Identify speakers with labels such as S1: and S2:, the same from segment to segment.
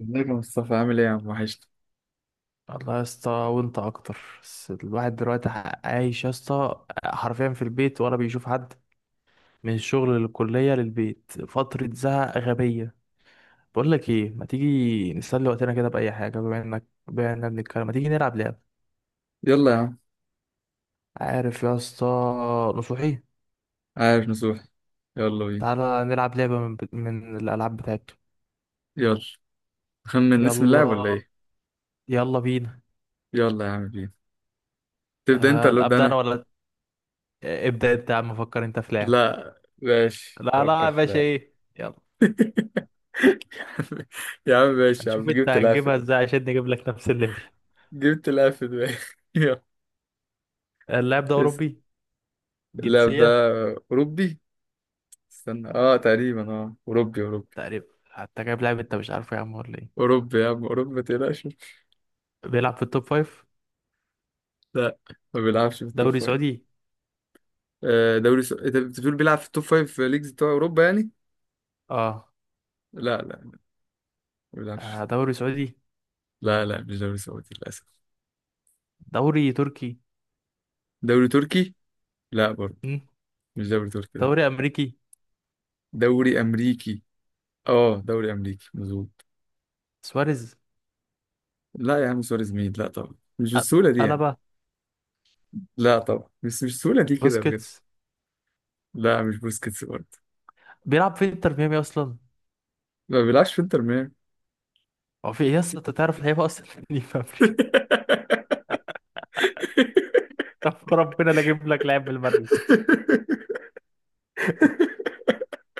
S1: ازيك يا مصطفى؟ عامل ايه يا عم؟ وحشت.
S2: والله يا اسطى وانت اكتر. بس الواحد دلوقتي عايش يا اسطى حرفيا في البيت ولا بيشوف حد، من الشغل للكلية للبيت. فترة زهق غبية. بقول لك ايه، ما تيجي نسلي وقتنا كده بأي حاجة؟ بما اننا بنتكلم ما تيجي نلعب لعبة؟
S1: يلا يا عم.
S2: عارف يا اسطى؟ نصوحي.
S1: عارف نصوح. يلا بينا.
S2: تعالى نلعب لعبة من الألعاب بتاعته.
S1: يلا، خمن اسم اللاعب
S2: يلا،
S1: ولا ايه؟
S2: يلا بينا.
S1: يلا يا عم بينا. تبدأ انت ولا ابدأ
S2: أبدأ أنا
S1: انا؟
S2: ولا إيه؟ ابدأ أنت يا عم، فكر أنت في لعب.
S1: لا ماشي،
S2: لا لا
S1: فكر
S2: يا
S1: في
S2: باشا،
S1: لاعب.
S2: ايه يلا.
S1: يا عم يا عم ماشي يا عم،
S2: هنشوف انت هتجيبها ازاي عشان نجيب لك نفس الليفل.
S1: جبت لاعب في دماغي. يلا.
S2: اللاعب ده
S1: بس
S2: أوروبي؟
S1: اللاعب ده
S2: جنسية؟
S1: اوروبي. استنى، تقريبا اوروبي.
S2: تقريبا حتى جايب لاعب أنت مش عارفه يا عم ولا إيه؟
S1: اوروبي يا عم، اوروبي ما تقلقش.
S2: بيلعب في التوب فايف؟
S1: لا، ما بيلعبش في التوب
S2: دوري
S1: فايف.
S2: سعودي؟
S1: آه، دوري س... انت بتقول بيلعب في التوب فايف ليجز بتوع اوروبا يعني.
S2: آه.
S1: لا لا، ما بيلعبش.
S2: دوري سعودي.
S1: لا لا، مش دوري سعودي للأسف.
S2: دوري تركي.
S1: دوري تركي؟ لا برضه،
S2: مم.
S1: مش دوري تركي ده.
S2: دوري أمريكي.
S1: دوري أمريكي؟ اه، دوري أمريكي مظبوط.
S2: سواريز.
S1: لا يا عم، سواريز مين؟ لا طبعا، مش
S2: أ-
S1: بالسهولة دي يعني.
S2: ألابا.
S1: لا طبعا، بس مش بالسهولة دي كده بجد.
S2: بوسكيتس.
S1: لا، مش بوسكيتس برضه.
S2: بيلعب في انتر ميامي أصلا.
S1: ما بيلعبش في انتر ميامي.
S2: هو في إيه يا اسطى، أنت تعرف لعيبة أصلا دي في أمريكا؟ طب ربنا لا أجيب لك لاعب من المريخ.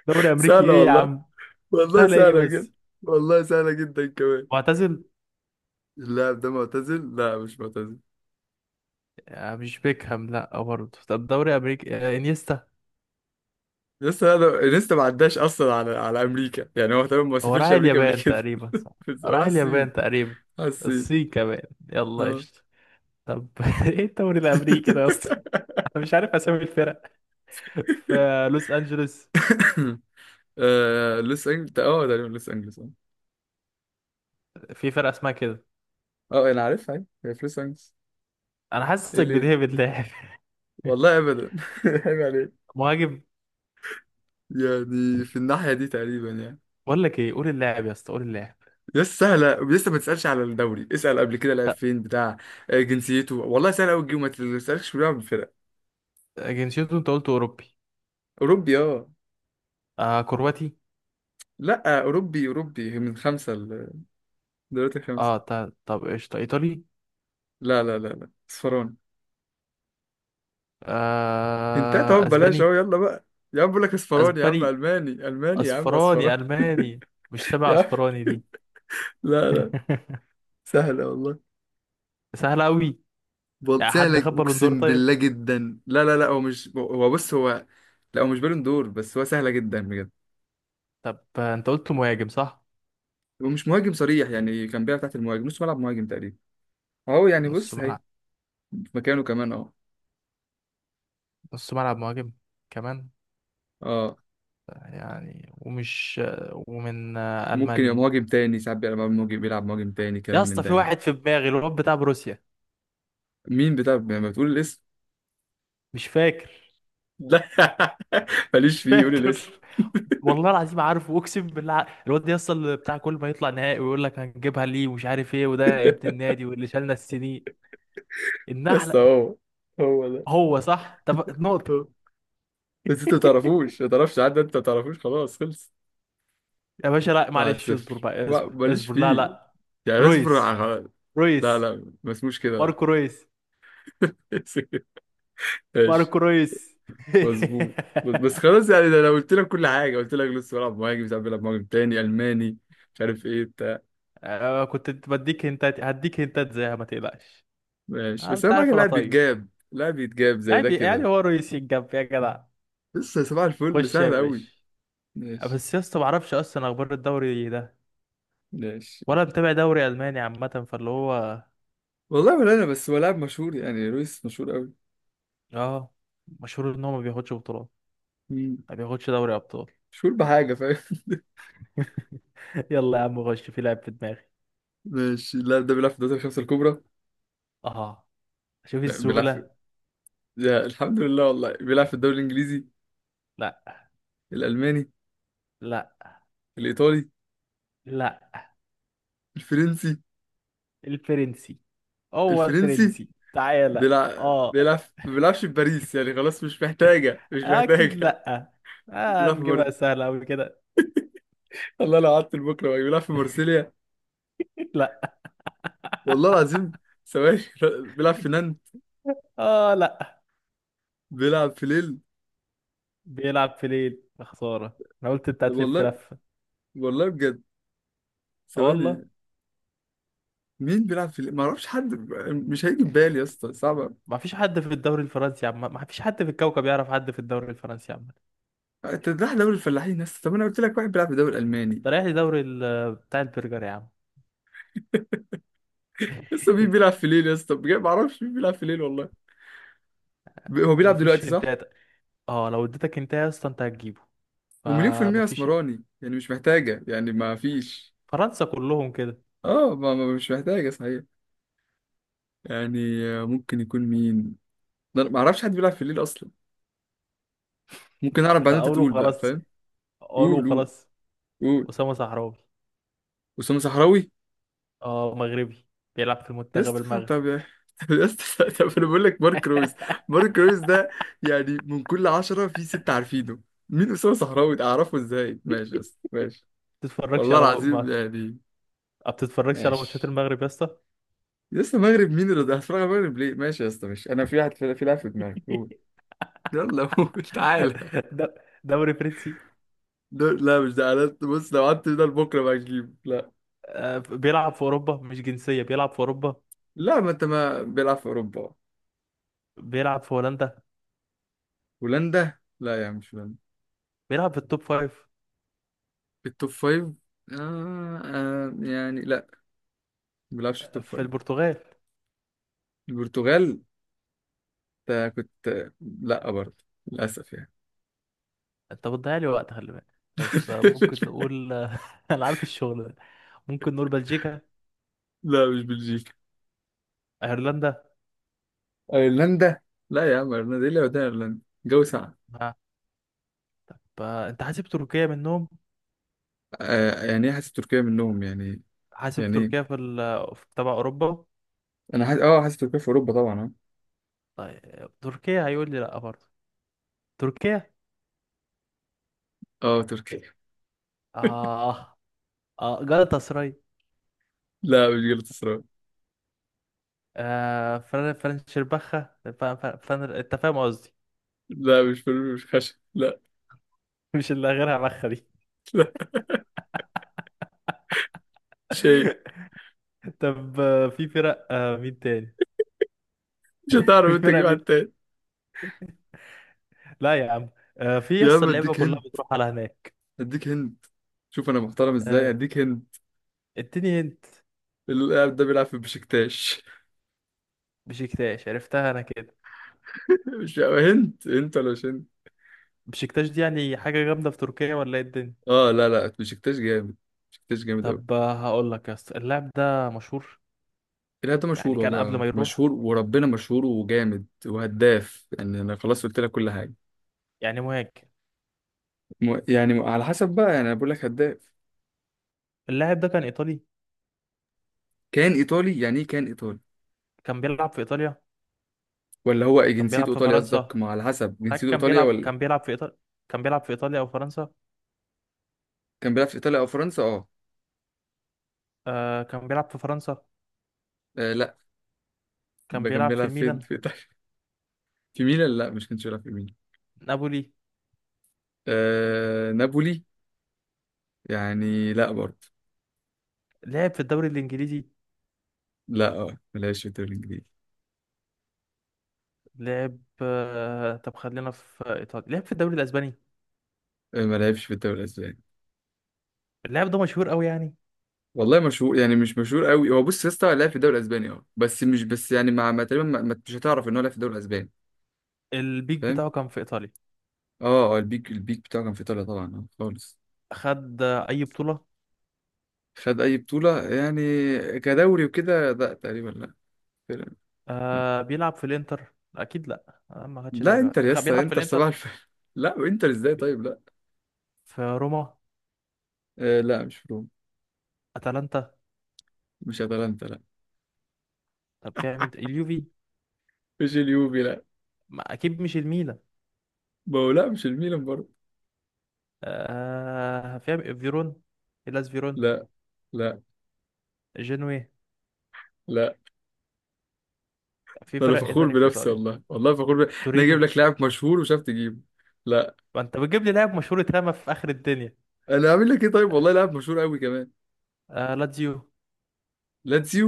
S2: دوري أمريكي
S1: سهلة
S2: إيه يا
S1: والله.
S2: عم؟
S1: والله
S2: سهلة إيه
S1: سهلة جدا.
S2: بس؟
S1: والله سهلة جدا كمان.
S2: معتزل.
S1: اللاعب ده معتزل؟ لا، مش معتزل.
S2: مش بيكهام؟ لا برضه. طب دوري أمريكي، انيستا.
S1: لسه انا، لسه ما عداش اصلا على امريكا، يعني هو تمام، ما
S2: هو راح
S1: سافرش امريكا قبل
S2: اليابان
S1: كده.
S2: تقريبا، صح؟
S1: بس هو راح
S2: راح
S1: الصين.
S2: اليابان تقريبا.
S1: راح الصين.
S2: الصين كمان. يلا
S1: اه.
S2: قشطة. طب ايه الدوري الامريكي ده يا اسطى؟ انا مش عارف اسامي الفرق. في لوس انجلوس،
S1: آه، لوس انجلز، اه تقريبا لوس انجلز اه.
S2: في فرقه اسمها كده.
S1: اه انا عارفها، أيوة. هي في لوس انجلز.
S2: انا
S1: ايه
S2: حاسسك
S1: ليه؟
S2: بتهبد لاعب
S1: والله ابدا. عيب عليك.
S2: مهاجم؟
S1: يعني في الناحيه دي تقريبا يعني.
S2: بقول لك ايه، قول اللاعب يا اسطى، قول اللاعب.
S1: لسه سهله، لسه ما تسالش على الدوري، اسال قبل كده لعب
S2: طب
S1: فين بتاع. آه، جنسيته، والله سهله قوي تجيبه، ما تسالش بيلعب في فرق.
S2: جنسيته، انت قلت اوروبي.
S1: اوروبي اه.
S2: آه كرواتي.
S1: لا، اوروبي اوروبي، من خمسه دوريات الخمسه.
S2: اه طب طب قشطة، ايطالي.
S1: لا لا لا لا، اصفراني. هنتات اهو،
S2: آه
S1: ببلاش
S2: اسباني.
S1: اهو، يلا بقى. يا عم بقول لك اصفراني، يا عم
S2: اسباني،
S1: الماني الماني، يا عم
S2: اصفراني
S1: اصفراني.
S2: الماني. مش سبع
S1: يا عم.
S2: اصفراني دي؟
S1: لا لا. سهلة والله.
S2: سهله قوي.
S1: بل...
S2: يعني حد
S1: سهلة
S2: خد بالون دور؟
S1: اقسم
S2: طيب.
S1: بالله جدا. لا لا لا، هو مش هو، بص هو. لا، هو مش بالون دور، بس هو سهلة جدا بجد.
S2: طب انت قلت مهاجم صح؟
S1: ومش مهاجم صريح، يعني كان بيلعب تحت المهاجم، نص ملعب مهاجم تقريبا. اهو يعني،
S2: نص
S1: بص هي.
S2: ملعب.
S1: في مكانه كمان اهو.
S2: نص ملعب مهاجم كمان.
S1: اه.
S2: يعني ومش آه، ومن
S1: ممكن يبقى
S2: ألمانيا؟
S1: مهاجم تاني، ساعات بيلعب مهاجم، بيلعب مهاجم تاني كلام
S2: يا
S1: من
S2: اسطى
S1: ده
S2: في
S1: يعني.
S2: واحد في دماغي، الواد بتاع بروسيا.
S1: مين بتاع؟ لما بتقول الاسم.
S2: مش فاكر.
S1: لا، ماليش
S2: مش
S1: فيه، قول
S2: فاكر
S1: الاسم.
S2: والله العظيم، عارفه اقسم بالله، عارف. الواد ده اصلا اللي بتاع كل ما يطلع نهائي ويقول لك هنجيبها ليه ومش عارف ايه، وده ابن النادي واللي شالنا السنين.
S1: بس
S2: النحله.
S1: هو، هو ده،
S2: هو صح. طب نقطه.
S1: هو. بس انت ما تعرفوش، ما تعرفش، عدى انت، ما تعرفوش خلاص، خلص.
S2: يا باشا لا
S1: واحد
S2: معلش، اصبر
S1: صفر،
S2: بقى، اصبر
S1: ماليش
S2: اصبر. لا
S1: فيه.
S2: لا.
S1: يعني اصبر
S2: رويس.
S1: على-. لا
S2: رويس.
S1: لا، ما اسموش كده، لا.
S2: ماركو رويس.
S1: ماشي.
S2: ماركو رويس.
S1: مظبوط. بس خلاص، يعني ده انا قلت لك كل حاجه، قلت لك لسه بلعب مهاجم، ساعات بلعب مهاجم تاني، الماني، مش عارف ايه بتاع.
S2: أنا كنت بديك هنتات، هديك هنتات زيها ما تقلقش.
S1: ماشي، بس
S2: انت
S1: اهم حاجه
S2: عارف انا
S1: اللاعب
S2: طيب.
S1: بيتجاب، اللاعب بيتجاب زي ده
S2: يعني
S1: كده.
S2: هو رويس يتجاب يا جدع؟
S1: لسه صباح الفل،
S2: خش يا
S1: سهل
S2: باشا.
S1: قوي. ماشي.
S2: بس يا اسطى ما اعرفش اصلا اخبار الدوري ده،
S1: ماشي.
S2: ولا متابع دوري الماني عامه. فاللي هو
S1: والله ولا انا، بس هو لاعب مشهور يعني، لويس مشهور
S2: اه مشهور ان هو ما بياخدش بطولات،
S1: قوي.
S2: ما بياخدش دوري ابطال.
S1: مش فول بحاجة فاهم.
S2: يلا يا عم خش في لعب في دماغي.
S1: ماشي، اللاعب ده بيلعب في الدوري الخمسة الكبرى.
S2: اه. شوف
S1: لا، بيلعب في.
S2: السهوله.
S1: يا الحمد لله، والله بيلعب في الدوري الإنجليزي.
S2: لا.
S1: الألماني.
S2: لا.
S1: الإيطالي.
S2: لا.
S1: الفرنسي.
S2: الفرنسي. هو
S1: الفرنسي،
S2: الفرنسي، تعالى
S1: بيلعب
S2: اه.
S1: بيلعب ما بيلعبش في باريس يعني، خلاص مش محتاجة، مش
S2: اكيد
S1: محتاجة.
S2: لا. آه
S1: بيلعب في مر...
S2: نجيبها سهله قوي كده.
S1: الله، لو قعدت لبكرة بقى. بيلعب في مرسيليا.
S2: لا.
S1: والله العظيم. ثواني. بيلعب في نانت.
S2: اه لا.
S1: بيلعب في ليل.
S2: بيلعب في ليل، يا خساره انا قلت انت هتلف
S1: والله.
S2: لفه.
S1: والله بجد.
S2: اه والله.
S1: ثواني. مين بيلعب في ليل؟ ما اعرفش حد. مش هيجي في بالي يا اسطى، صعب.
S2: ما فيش حد في الدوري الفرنسي يا عم، ما فيش حد في الكوكب يعرف حد في الدوري الفرنسي يا عم.
S1: تذبح دوري الفلاحين يا اسطى؟ طب انا قلت لك واحد بيلعب في الدوري الالماني.
S2: انت رايح لدوري بتاع البرجر يا عم.
S1: لسه. مين بيلعب في ليل يا اسطى؟ بجد ما اعرفش مين بيلعب في ليل والله. ب- هو
S2: ما
S1: بيلعب دلوقتي
S2: فيش
S1: صح؟
S2: انتات. اه لو اديتك انت يا اسطى انت هتجيبه،
S1: ومليون في
S2: فما
S1: المية
S2: فيش ايه.
S1: اسمراني يعني، مش محتاجة يعني، ما فيش.
S2: فرنسا كلهم كده.
S1: اه، ما ما-، مش محتاجة صحيح. يعني آه، ممكن يكون مين؟ ده أنا ما اعرفش حد بيلعب في ليل اصلا. ممكن اعرف بعدين، انت
S2: قولوا
S1: تقول بقى
S2: خلاص،
S1: فاهم.
S2: قولوا
S1: قول قول.
S2: خلاص.
S1: قول.
S2: اسامه صحراوي.
S1: أسامة صحراوي.
S2: اه مغربي، بيلعب في
S1: يا
S2: المنتخب
S1: اسطى
S2: المغربي.
S1: طب. طب يا اسطى، طب انا بقول لك مارك رويز. مارك رويز ده، يعني من كل عشرة في ستة عارفينه. مين أسامة صحراوي ده؟ اعرفه ازاي؟ ماشي يا اسطى، ماشي.
S2: تتفرجش
S1: والله
S2: على،
S1: العظيم يعني.
S2: ما بتتفرجش على ماتشات
S1: ماشي.
S2: المغرب يا اسطى؟
S1: يا اسطى المغرب مين اللي ده؟ هتفرج على المغرب ليه؟ ماشي يا اسطى، ماشي. انا في واحد في لاعب في دماغي، قول. يلا قول. تعالى.
S2: د- دوري فرنسي.
S1: لا مش ده. أنا- بص، لو قعدت ده لبكره بقى تجيبه، لا.
S2: بيلعب في اوروبا، مش جنسيه بيلعب في اوروبا.
S1: لا، ما انت، ما بيلعب في اوروبا.
S2: بيلعب في هولندا.
S1: هولندا؟ لا يا عم، مش هولندا.
S2: بيلعب في التوب فايف.
S1: التوب فايف؟ آه آه يعني لا، ما بيلعبش في التوب
S2: في
S1: فايف.
S2: البرتغال.
S1: البرتغال؟ ده كنت، لا برضه، للأسف يعني.
S2: انت بتضيع لي وقت، خلي بالك. طب ممكن نقول انا عارف الشغل ده. ممكن نقول بلجيكا.
S1: لا مش بلجيكا.
S2: ايرلندا.
S1: ايرلندا؟ لا يا عم، ايرلندا ايه اللي وداها ايرلندا؟ جو ساقع.
S2: آه، انت حاسب تركيا منهم؟
S1: آه، يعني ايه حاسس تركيا منهم يعني؟
S2: حاسب
S1: يعني
S2: تركيا
S1: ايه؟
S2: في ال... في تبع اوروبا؟
S1: انا حاسس، اه، حاسس تركيا في اوروبا طبعا.
S2: طيب تركيا هيقول لي لا برضه. تركيا.
S1: اه اه تركيا.
S2: اه. اه جالاتا.
S1: لا مش جلطة سراي.
S2: آه فرن فرنشربخة فن، انت فاهم قصدي.
S1: لا مش فلفل، مش خشب، لا.
S2: مش اللي غيرها بخة دي؟
S1: لا شيء.
S2: طب في فرق، آه مين تاني؟
S1: مش
S2: في
S1: هتعرف انت
S2: فرق
S1: تجيب حد
S2: مين؟
S1: تاني؟
S2: لا يا عم. في
S1: يا
S2: يس
S1: عم
S2: اللعيبة
S1: اديك
S2: كلها
S1: هند،
S2: بتروح على هناك.
S1: اديك هند، شوف انا محترم ازاي،
S2: آه
S1: اديك هند.
S2: اديني انت.
S1: اللاعب ده بيلعب في بشكتاش.
S2: بشكتاش، عرفتها انا كده.
S1: مش هند هند ولا مش هند؟
S2: بشكتاش دي يعني حاجة جامدة في تركيا ولا ايه الدنيا؟
S1: اه لا لا، بشكتاش جامد. بشكتاش جامد قوي.
S2: طب هقول لك يس، اللاعب ده مشهور؟
S1: لا ده
S2: يعني
S1: مشهور،
S2: كان قبل
S1: والله
S2: ما يروح
S1: مشهور وربنا مشهور وجامد وهداف يعني، انا خلاص قلت لك كل حاجه.
S2: يعني مهاجم؟
S1: م- يعني على حسب بقى، يعني انا بقول لك هداف.
S2: اللاعب ده كان ايطالي؟
S1: كان ايطالي؟ يعني ايه كان ايطالي؟
S2: كان بيلعب في ايطاليا؟
S1: ولا هو
S2: كان
S1: جنسيته
S2: بيلعب في
S1: ايطالي قصدك؟
S2: فرنسا؟
S1: ما على حسب
S2: لا
S1: جنسيته
S2: كان
S1: ايطاليا
S2: بيلعب
S1: ولا.
S2: كان بيلعب في إيطاليا. كان بيلعب في إيطاليا أو فرنسا.
S1: كان بيلعب في ايطاليا او فرنسا اه.
S2: آه كان بيلعب في فرنسا.
S1: آه، لا.
S2: كان
S1: ده كان
S2: بيلعب في
S1: بيلعب فين
S2: الميلان.
S1: في ايطاليا؟ في ميلان؟ لا، مش كانش بيلعب في ميلان.
S2: نابولي.
S1: آه نابولي؟ يعني لا برضه.
S2: لعب في الدوري الإنجليزي.
S1: لا، اه، ما لعبش في الدوري الانجليزي.
S2: لعب آه، طب خلينا في إيطاليا، لعب في الدوري الأسباني.
S1: آه، ما لعبش في الدوري الاسباني.
S2: اللاعب ده مشهور قوي يعني.
S1: والله مشهور يعني، مش مشهور قوي. هو بص يا اسطى، لعب في الدوري الاسباني اه، بس مش بس يعني، مع ما تقريبا، ما- ما-، مش هتعرف ان هو لعب في الدوري الاسباني.
S2: البيك
S1: فاهم.
S2: بتاعه كان في إيطاليا.
S1: اه اه البيك بتاعه كان في ايطاليا طبعا، اه خالص.
S2: خد أي بطولة.
S1: خد اي بطوله يعني، كدوري وكده، لا تقريبا، لا. تقريباً. لا,
S2: آه بيلعب في الإنتر؟ أكيد لأ. آه ما خدش
S1: لا
S2: دوري
S1: انتر يا اسطى؟
S2: بيلعب في
S1: انتر صباح
S2: الإنتر.
S1: الفل. لا، وانتر ازاي؟
S2: ب-
S1: طيب لا.
S2: في روما.
S1: آه لا، مش روم.
S2: أتلانتا.
S1: مش اتلانتا لا.
S2: طب فيها مين، اليوفي؟
S1: مش اليوفي لا.
S2: ما أكيد مش الميلان.
S1: ما هو لا، مش الميلان برضه.
S2: آه فيها فيرون، إلاس فيرون.
S1: لا. لا.
S2: جنوي.
S1: لا.
S2: في
S1: ده انا
S2: فرق ايه
S1: فخور
S2: تاني في
S1: بنفسي،
S2: ايطاليا؟
S1: والله والله فخور ب... انا
S2: تورينو.
S1: اجيب لك لاعب مشهور وشاف تجيبه. لا،
S2: ما انت بتجيب لي لاعب مشهور اترمى في اخر الدنيا.
S1: انا عامل لك ايه طيب؟ والله لاعب مشهور قوي كمان.
S2: آه لاتزيو.
S1: لاتسيو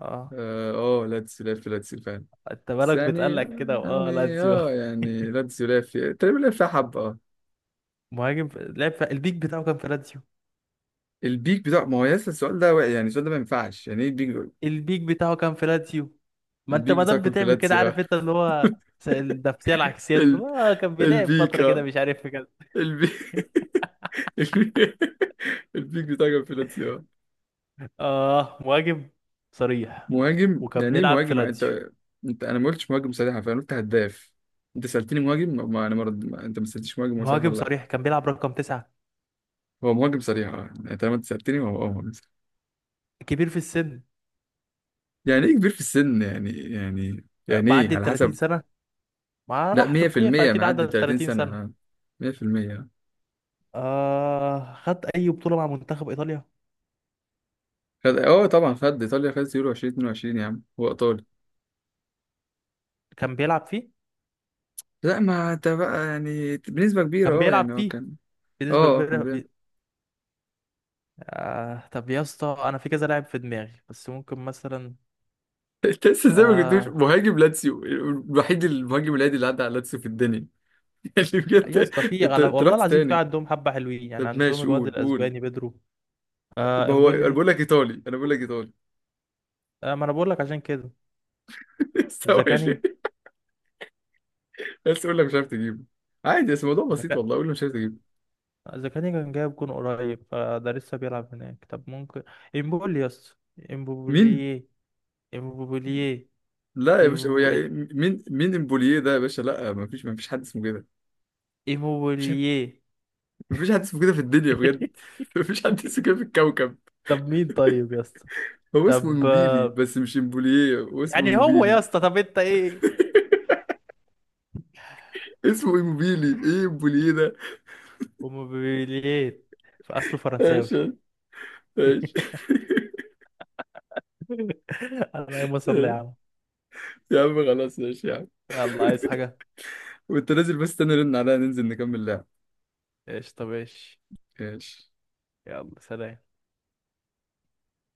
S2: اه.
S1: اه. آه، لاتسيو، لعب في لاتسيو فعلا.
S2: انت
S1: بس
S2: بالك
S1: يعني،
S2: بتقلق كده، واه
S1: يعني
S2: لاتزيو.
S1: اه يعني لاتسيو لعب في، تقريبا لعب فيها حبه اه.
S2: مهاجم في... لعب في... البيك بتاعه كان في لاتزيو.
S1: البيك بتاع، ما هو لسه السؤال ده واقع، يعني السؤال ده ما ينفعش، يعني ايه البيك دول؟
S2: البيك بتاعه كان في لاتزيو. ما انت
S1: البيك
S2: ما
S1: بتاعه
S2: دام
S1: كان في
S2: بتعمل كده،
S1: لاتسيو اه.
S2: عارف انت اللي هو، النفسيه العكسيه، اللي
S1: ال...
S2: هو آه كان بيلعب
S1: البيك
S2: فتره كده
S1: اه،
S2: مش عارف في كده.
S1: البيك. البيك. البيك بتاعه كان في لاتسيو اه.
S2: اه مهاجم صريح
S1: مهاجم؟
S2: وكان
S1: يعني ايه
S2: بيلعب في
S1: مهاجم
S2: لاتزيو.
S1: انت؟ انت، انا ما قلتش مهاجم صريحه، فانا قلت هداف. انت سالتني مهاجم، ما ما-، انا مرد..., ما..., انت ما سالتش مهاجم هو صريح
S2: مهاجم
S1: ولا لا.
S2: صريح، كان بيلعب رقم 9.
S1: هو مهاجم صريح اه، يعني طالما انت سألتني هو، اه، مهاجم صريح.
S2: كبير في السن.
S1: يعني ايه كبير في السن يعني يعني يعني ايه
S2: معدي ال
S1: على
S2: 30
S1: حسب.
S2: سنة، ما
S1: لا
S2: راح تركيا
S1: 100%
S2: فأكيد
S1: معدي
S2: عدى
S1: 30
S2: 30
S1: سنة
S2: سنة.
S1: اه، 100%.
S2: آه خد أي بطولة مع منتخب إيطاليا.
S1: خد، اه طبعا خد ايطاليا خدت يورو 2022 يا عم، هو ايطالي.
S2: كان بيلعب فيه.
S1: لا ما انت بقى، يعني بنسبة
S2: كان
S1: كبيرة اه،
S2: بيلعب
S1: يعني هو
S2: فيه
S1: كان. اه
S2: بنسبة
S1: آه، كان
S2: كبيرة
S1: بيعمل.
S2: آه. طب يا اسطى أنا في كذا لاعب في دماغي بس ممكن مثلا
S1: انت لسه ازاي ما جبتوش
S2: آه.
S1: مهاجم لاتسيو الوحيد، المهاجم العادي اللي عدى على لاتسيو في الدنيا. يعني
S2: يا
S1: بجد.
S2: اسطى في
S1: انت
S2: على...
S1: انت
S2: والله
S1: رحت
S2: العظيم في
S1: تاني؟
S2: عندهم حبة حلوين، يعني
S1: طب
S2: عندهم
S1: ماشي،
S2: الواد
S1: قول قول.
S2: الأسباني بيدرو. آه
S1: ما هو انا
S2: إمبولي.
S1: بقول لك ايطالي، انا بقول لك ايطالي.
S2: آه ما أنا بقول لك عشان كده.
S1: استوعب.
S2: زكاني.
S1: بس يقول لك مش عارف تجيبه، عادي، بس الموضوع بسيط
S2: زكا...
S1: والله، قول له مش عارف تجيبه.
S2: زكاني كان جايب جون قريب، فده لسه بيلعب هناك. طب ممكن إمبولي يا اسطى،
S1: مين؟
S2: إمبولي.
S1: لا يا باشا، هو
S2: إمبولي.
S1: يعني مين امبوليه ده يا باشا؟ لا ما فيش، ما فيش حد اسمه كده. مفيش حد،
S2: ايموبيلييه.
S1: مفيش حد اسمه كده في الدنيا بجد. مفيش حد اسمه كده في الكوكب.
S2: طب مين طيب يا اسطى؟
S1: هو اسمه
S2: طب
S1: ايموبيلي، بس مش امبوليه، هو اسمه
S2: يعني هو يا
S1: ايموبيلي.
S2: اسطى، طب انت ايه؟
S1: اسمه ايموبيلي، ايه امبوليه ده؟
S2: وموبيليات، فاصله فرنساوي.
S1: ماشي. ماشي.
S2: انا ايه مصر يا
S1: ماشي.
S2: عم.
S1: يا عم خلاص، ماشي يا عم.
S2: يلا، عايز حاجة؟
S1: وانت نازل، بس استنى رن عليا ننزل نكمل لعب.
S2: ايش؟ طب ايش.
S1: ماشي.
S2: يلا سلام.